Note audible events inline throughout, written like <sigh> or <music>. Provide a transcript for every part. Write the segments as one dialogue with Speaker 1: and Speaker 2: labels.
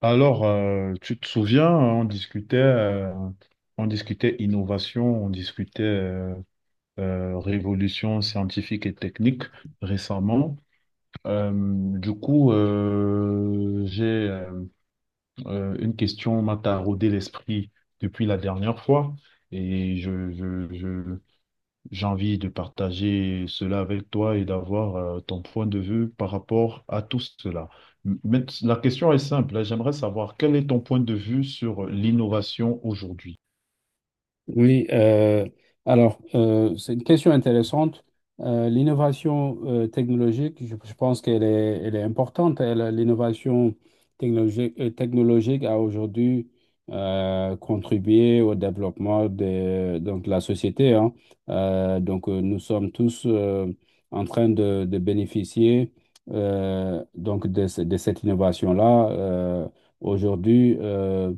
Speaker 1: Alors, tu te souviens, hein, on discutait innovation, on discutait révolution scientifique et technique récemment. Euh, j'ai une question m'a taraudé l'esprit depuis la dernière fois et je j'ai envie de partager cela avec toi et d'avoir ton point de vue par rapport à tout cela. Mais la question est simple, hein. J'aimerais savoir quel est ton point de vue sur l'innovation aujourd'hui?
Speaker 2: Oui, alors c'est une question intéressante. L'innovation technologique, je pense qu'elle est, elle est importante. L'innovation technologique a aujourd'hui contribué au développement donc, de la société, hein. Donc, nous sommes tous en train de bénéficier, donc de cette innovation-là. Aujourd'hui,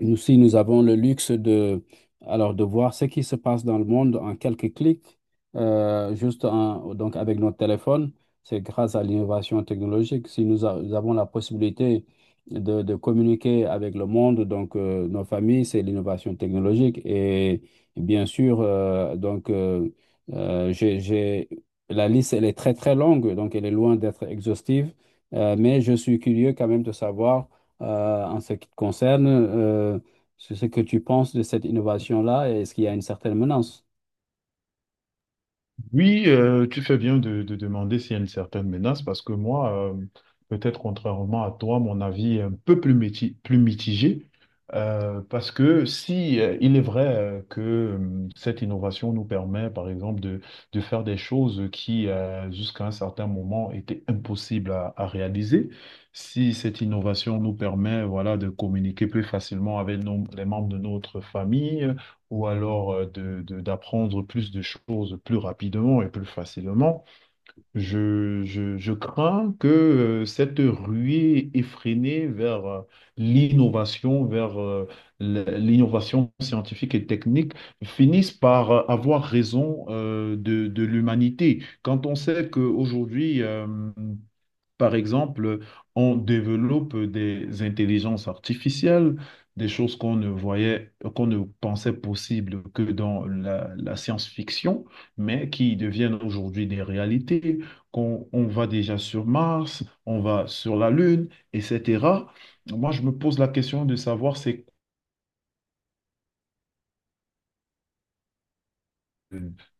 Speaker 2: nous aussi, nous avons le luxe de voir ce qui se passe dans le monde en quelques clics, donc avec notre téléphone. C'est grâce à l'innovation technologique. Si nous, a- nous avons la possibilité de communiquer avec le monde, donc, nos familles, c'est l'innovation technologique. Et bien sûr, donc, euh, j'ai, j'ai- la liste, elle est très, très longue, donc elle est loin d'être exhaustive. Mais je suis curieux quand même de savoir, en ce qui te concerne, sur ce que tu penses de cette innovation-là. Est-ce qu'il y a une certaine menace?
Speaker 1: Oui, tu fais bien de demander s'il y a une certaine menace parce que moi, peut-être contrairement à toi, mon avis est un peu plus, plus mitigé parce que si il est vrai que cette innovation nous permet, par exemple, de faire des choses qui, jusqu'à un certain moment, étaient impossibles à réaliser, si cette innovation nous permet, voilà, de communiquer plus facilement avec les membres de notre famille, ou alors de, d'apprendre plus de choses plus rapidement et plus facilement, je crains que cette ruée effrénée vers l'innovation, vers l'innovation scientifique et technique finisse par avoir raison de l'humanité. Quand on sait qu'aujourd'hui, par exemple, on développe des intelligences artificielles, des choses qu'on ne voyait, qu'on ne pensait possible que dans la, la science-fiction, mais qui deviennent aujourd'hui des réalités, qu'on va déjà sur Mars, on va sur la Lune, etc. Moi, je me pose la question de savoir c'est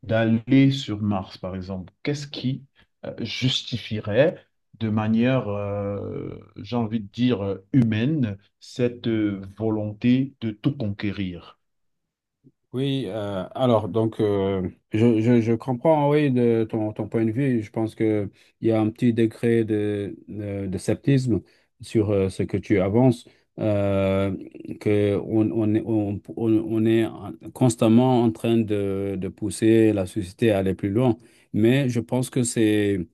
Speaker 1: d'aller sur Mars, par exemple, qu'est-ce qui justifierait de manière, j'ai envie de dire, humaine, cette volonté de tout conquérir?
Speaker 2: Oui. Alors donc, je comprends, oui, de ton point de vue. Je pense que il y a un petit degré de sceptisme sur, ce que tu avances, euh, que on est, constamment en train de pousser la société à aller plus loin. Mais je pense que c'est.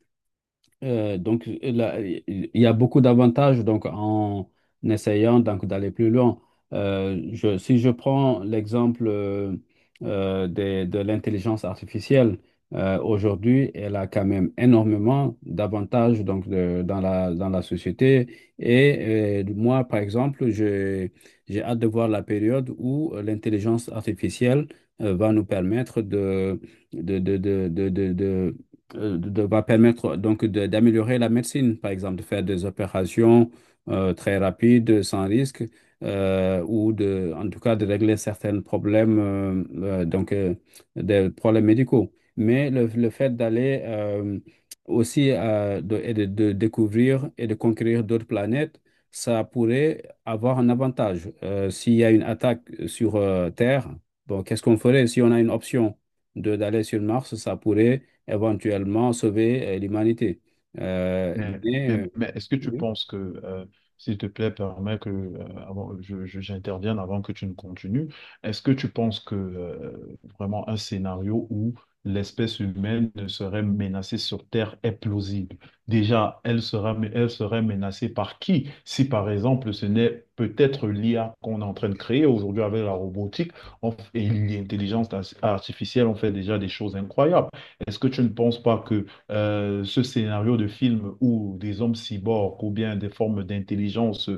Speaker 2: Donc, là, il y a beaucoup d'avantages donc en essayant donc d'aller plus loin. Si je prends l'exemple, de l'intelligence artificielle. Aujourd'hui, elle a quand même énormément d'avantages, donc dans la société. Et, moi, par exemple, j'ai hâte de voir la période où, l'intelligence artificielle, va nous permettre de, de, de, va permettre donc d'améliorer la médecine, par exemple, de faire des opérations, très rapides, sans risque, ou de, en tout cas, de régler certains problèmes, donc, des problèmes médicaux. Mais le fait d'aller, aussi, et de découvrir et de conquérir d'autres planètes, ça pourrait avoir un avantage. S'il y a une attaque sur, Terre, bon, qu'est-ce qu'on ferait si on a une option de d'aller sur Mars? Ça pourrait éventuellement sauver, l'humanité. Euh,
Speaker 1: Mais,
Speaker 2: mais,
Speaker 1: mais est-ce que tu
Speaker 2: oui.
Speaker 1: penses que, euh, s'il te plaît, permets que avant, j'intervienne avant que tu ne continues, est-ce que tu penses que vraiment un scénario où l'espèce humaine ne serait menacée sur Terre est plausible? Déjà, elle sera, mais elle serait menacée par qui? Si par exemple, ce n'est peut-être l'IA qu'on est en train de créer aujourd'hui avec la robotique et l'intelligence artificielle, on fait déjà des choses incroyables. Est-ce que tu ne penses pas que ce scénario de film où des hommes cyborgs ou bien des formes d'intelligence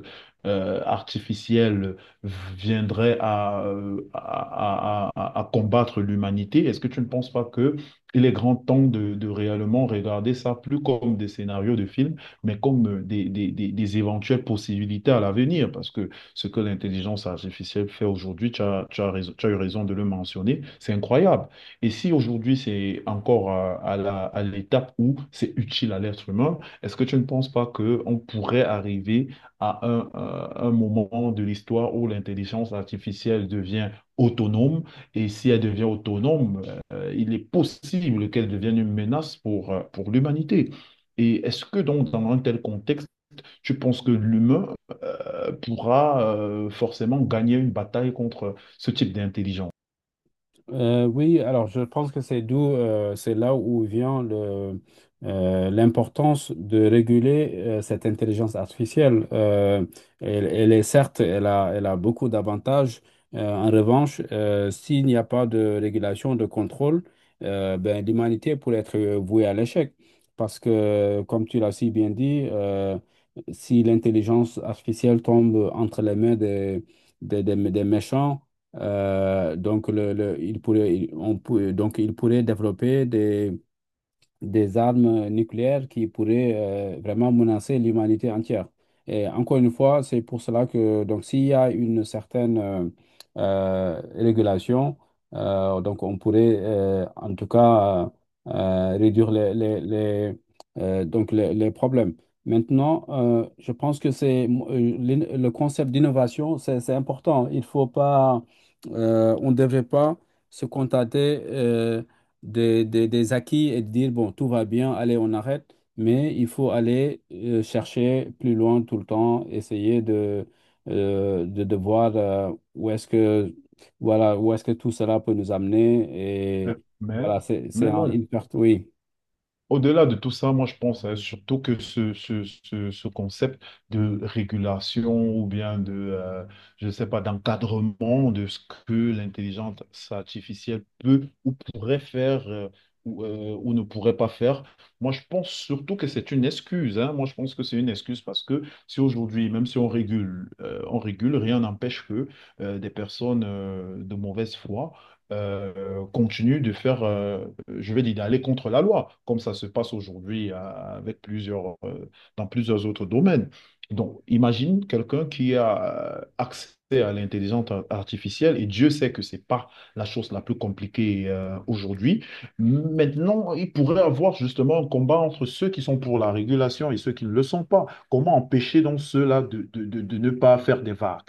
Speaker 1: artificielle viendraient à, à combattre l'humanité, est-ce que tu ne penses pas que il est grand temps de réellement regarder ça plus comme des scénarios de films, mais comme des éventuelles possibilités à l'avenir? Parce que ce que l'intelligence artificielle fait aujourd'hui, tu as, tu as eu raison de le mentionner, c'est incroyable. Et si aujourd'hui c'est encore à, à l'étape où c'est utile à l'être humain, est-ce que tu ne penses pas qu'on pourrait arriver à un moment de l'histoire où l'intelligence artificielle devient autonome? Et si elle devient autonome, il est possible qu'elle devienne une menace pour l'humanité. Et est-ce que donc dans un tel contexte, tu penses que l'humain pourra forcément gagner une bataille contre ce type d'intelligence?
Speaker 2: Oui, alors je pense que c'est là où vient l'importance de réguler, cette intelligence artificielle. Elle est, certes, elle a beaucoup d'avantages. En revanche, s'il n'y a pas de régulation, de contrôle, ben, l'humanité pourrait être, vouée à l'échec. Parce que, comme tu l'as si bien dit, si l'intelligence artificielle tombe entre les mains des méchants, donc, le- il pourrait, il- on, peut- donc, il pourrait développer des armes nucléaires qui pourraient, vraiment menacer l'humanité entière. Et encore une fois, c'est pour cela que donc s'il y a une certaine, régulation, donc on pourrait, en tout cas, réduire les problèmes. Maintenant, je pense que le concept d'innovation, c'est important. Il faut pas, On ne devrait pas se contenter, des acquis et de dire, bon, tout va bien, allez, on arrête, mais il faut aller, chercher plus loin tout le temps, essayer de voir, où est-ce que, voilà, où est-ce que tout cela peut nous amener.
Speaker 1: Euh,
Speaker 2: Et
Speaker 1: Mais,
Speaker 2: voilà, c'est
Speaker 1: mais moi,
Speaker 2: une perte, oui.
Speaker 1: au-delà de tout ça, moi je pense hein, surtout que ce concept de régulation ou bien de, je ne sais pas, d'encadrement de ce que l'intelligence artificielle peut ou pourrait faire ou ne pourrait pas faire, moi je pense surtout que c'est une excuse. Hein. Moi je pense que c'est une excuse parce que si aujourd'hui, même si on régule, on régule, rien n'empêche que des personnes de mauvaise foi continue de faire, je vais dire, d'aller contre la loi, comme ça se passe aujourd'hui avec plusieurs, dans plusieurs autres domaines. Donc, imagine quelqu'un qui a accès à l'intelligence artificielle, et Dieu sait que c'est pas la chose la plus compliquée aujourd'hui. Maintenant, il pourrait avoir justement un combat entre ceux qui sont pour la régulation et ceux qui ne le sont pas. Comment empêcher donc ceux-là de, de ne pas faire des vagues?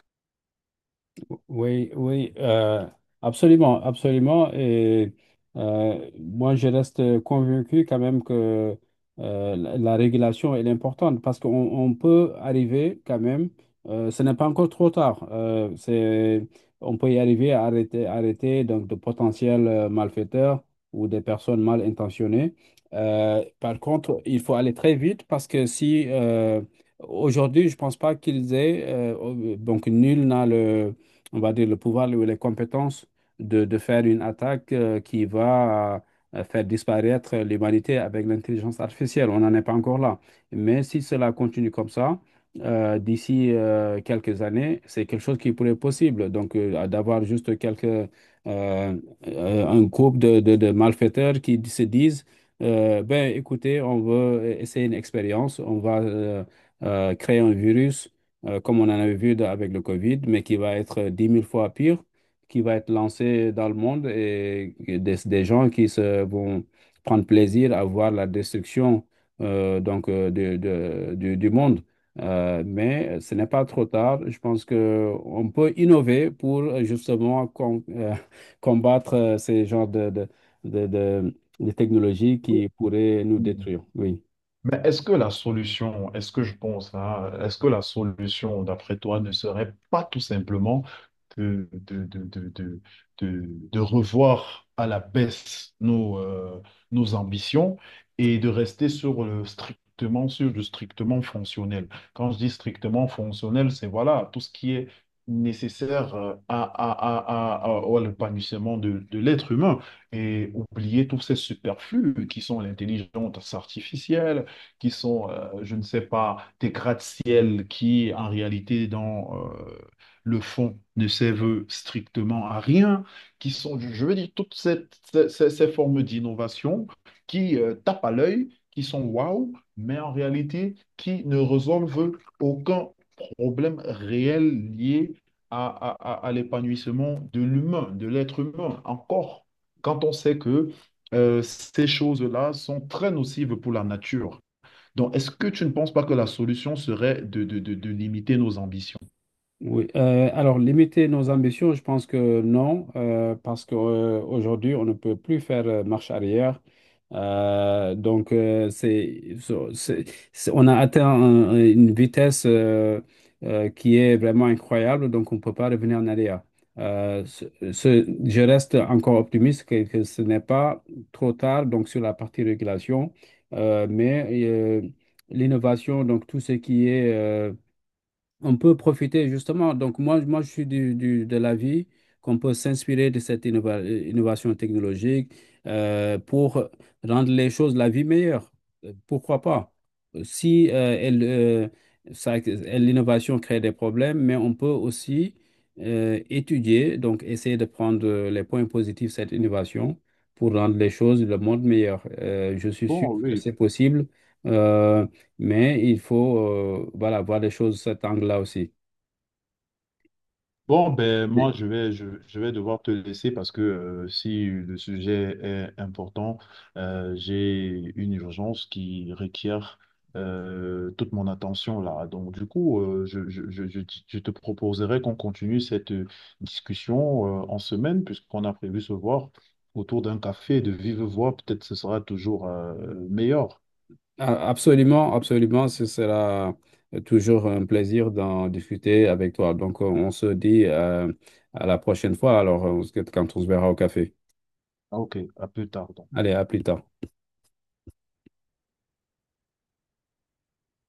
Speaker 2: Oui, oui, absolument, absolument. Et, moi, je reste convaincu quand même que, la régulation, elle est importante parce qu'on on peut arriver quand même. Ce n'est pas encore trop tard, on peut y arriver à arrêter, donc de potentiels, malfaiteurs ou des personnes mal intentionnées. Par contre, il faut aller très vite parce que si, aujourd'hui, je pense pas qu'ils aient, donc nul n'a le on va dire, le pouvoir ou les compétences de faire une attaque, qui va, faire disparaître l'humanité avec l'intelligence artificielle. On n'en est pas encore là. Mais si cela continue comme ça, d'ici, quelques années, c'est quelque chose qui pourrait être possible. Donc, d'avoir juste euh, un groupe de malfaiteurs qui se disent, ben, écoutez, on veut essayer une expérience, on va, créer un virus, comme on en avait vu avec le Covid, mais qui va être 10 000 fois pire, qui va être lancé dans le monde, et des gens qui vont prendre plaisir à voir la destruction, donc, du monde. Mais ce n'est pas trop tard. Je pense qu'on peut innover pour, justement, <laughs> combattre, ces genres de technologies qui pourraient nous détruire. Oui.
Speaker 1: Mais est-ce que la solution, est-ce que je pense, hein, est-ce que la solution, d'après toi, ne serait pas tout simplement de, de, de, de, de, de revoir à la baisse nos, nos ambitions et de rester sur le strictement fonctionnel? Quand je dis strictement fonctionnel, c'est voilà, tout ce qui est nécessaire à l'épanouissement de l'être humain et oublier tous ces superflus qui sont l'intelligence artificielle qui sont, je ne sais pas, des gratte-ciel qui, en réalité, dans le fond, ne servent strictement à rien, qui sont, je veux dire, toutes cette- ces, ces- ces formes d'innovation qui tapent à l'œil, qui sont waouh, mais en réalité, qui ne résolvent aucun problème réel lié à, à l'épanouissement de l'humain, de l'être humain, encore quand on sait que ces choses-là sont très nocives pour la nature. Donc, est-ce que tu ne penses pas que la solution serait de, de limiter nos ambitions?
Speaker 2: Oui. Alors, limiter nos ambitions, je pense que non, parce qu'aujourd'hui, on ne peut plus faire, marche arrière. Donc, c'est, so- c'est- on a atteint une vitesse, qui est vraiment incroyable, donc on ne peut pas revenir en arrière. Euh, ce- je reste encore optimiste que ce n'est pas trop tard, donc sur la partie régulation. Mais, l'innovation, donc tout ce qui est, on peut profiter justement. Donc, moi je suis de l'avis qu'on peut s'inspirer de cette innovation technologique, pour rendre les choses, la vie meilleure. Pourquoi pas? Si, l'innovation crée des problèmes, mais on peut aussi, étudier, donc essayer de prendre, les points positifs de cette innovation pour rendre les choses, le monde meilleur. Je suis sûr
Speaker 1: Bon,
Speaker 2: que
Speaker 1: oui.
Speaker 2: c'est possible. Euh, mais il faut, voilà, voir les choses sous cet angle-là aussi.
Speaker 1: Bon, ben
Speaker 2: Mais,
Speaker 1: moi, je vais devoir te laisser parce que si le sujet est important, j'ai une urgence qui requiert toute mon attention là. Donc, du coup, je te proposerai qu'on continue cette discussion en semaine puisqu'on a prévu se voir autour d'un café de vive voix. Peut-être ce sera toujours meilleur.
Speaker 2: absolument, absolument, ce sera, toujours un plaisir d'en discuter avec toi. Donc, on se dit, à la prochaine fois, alors, quand on se verra au café.
Speaker 1: Ah, ok, à plus tard.
Speaker 2: Allez, à plus tard.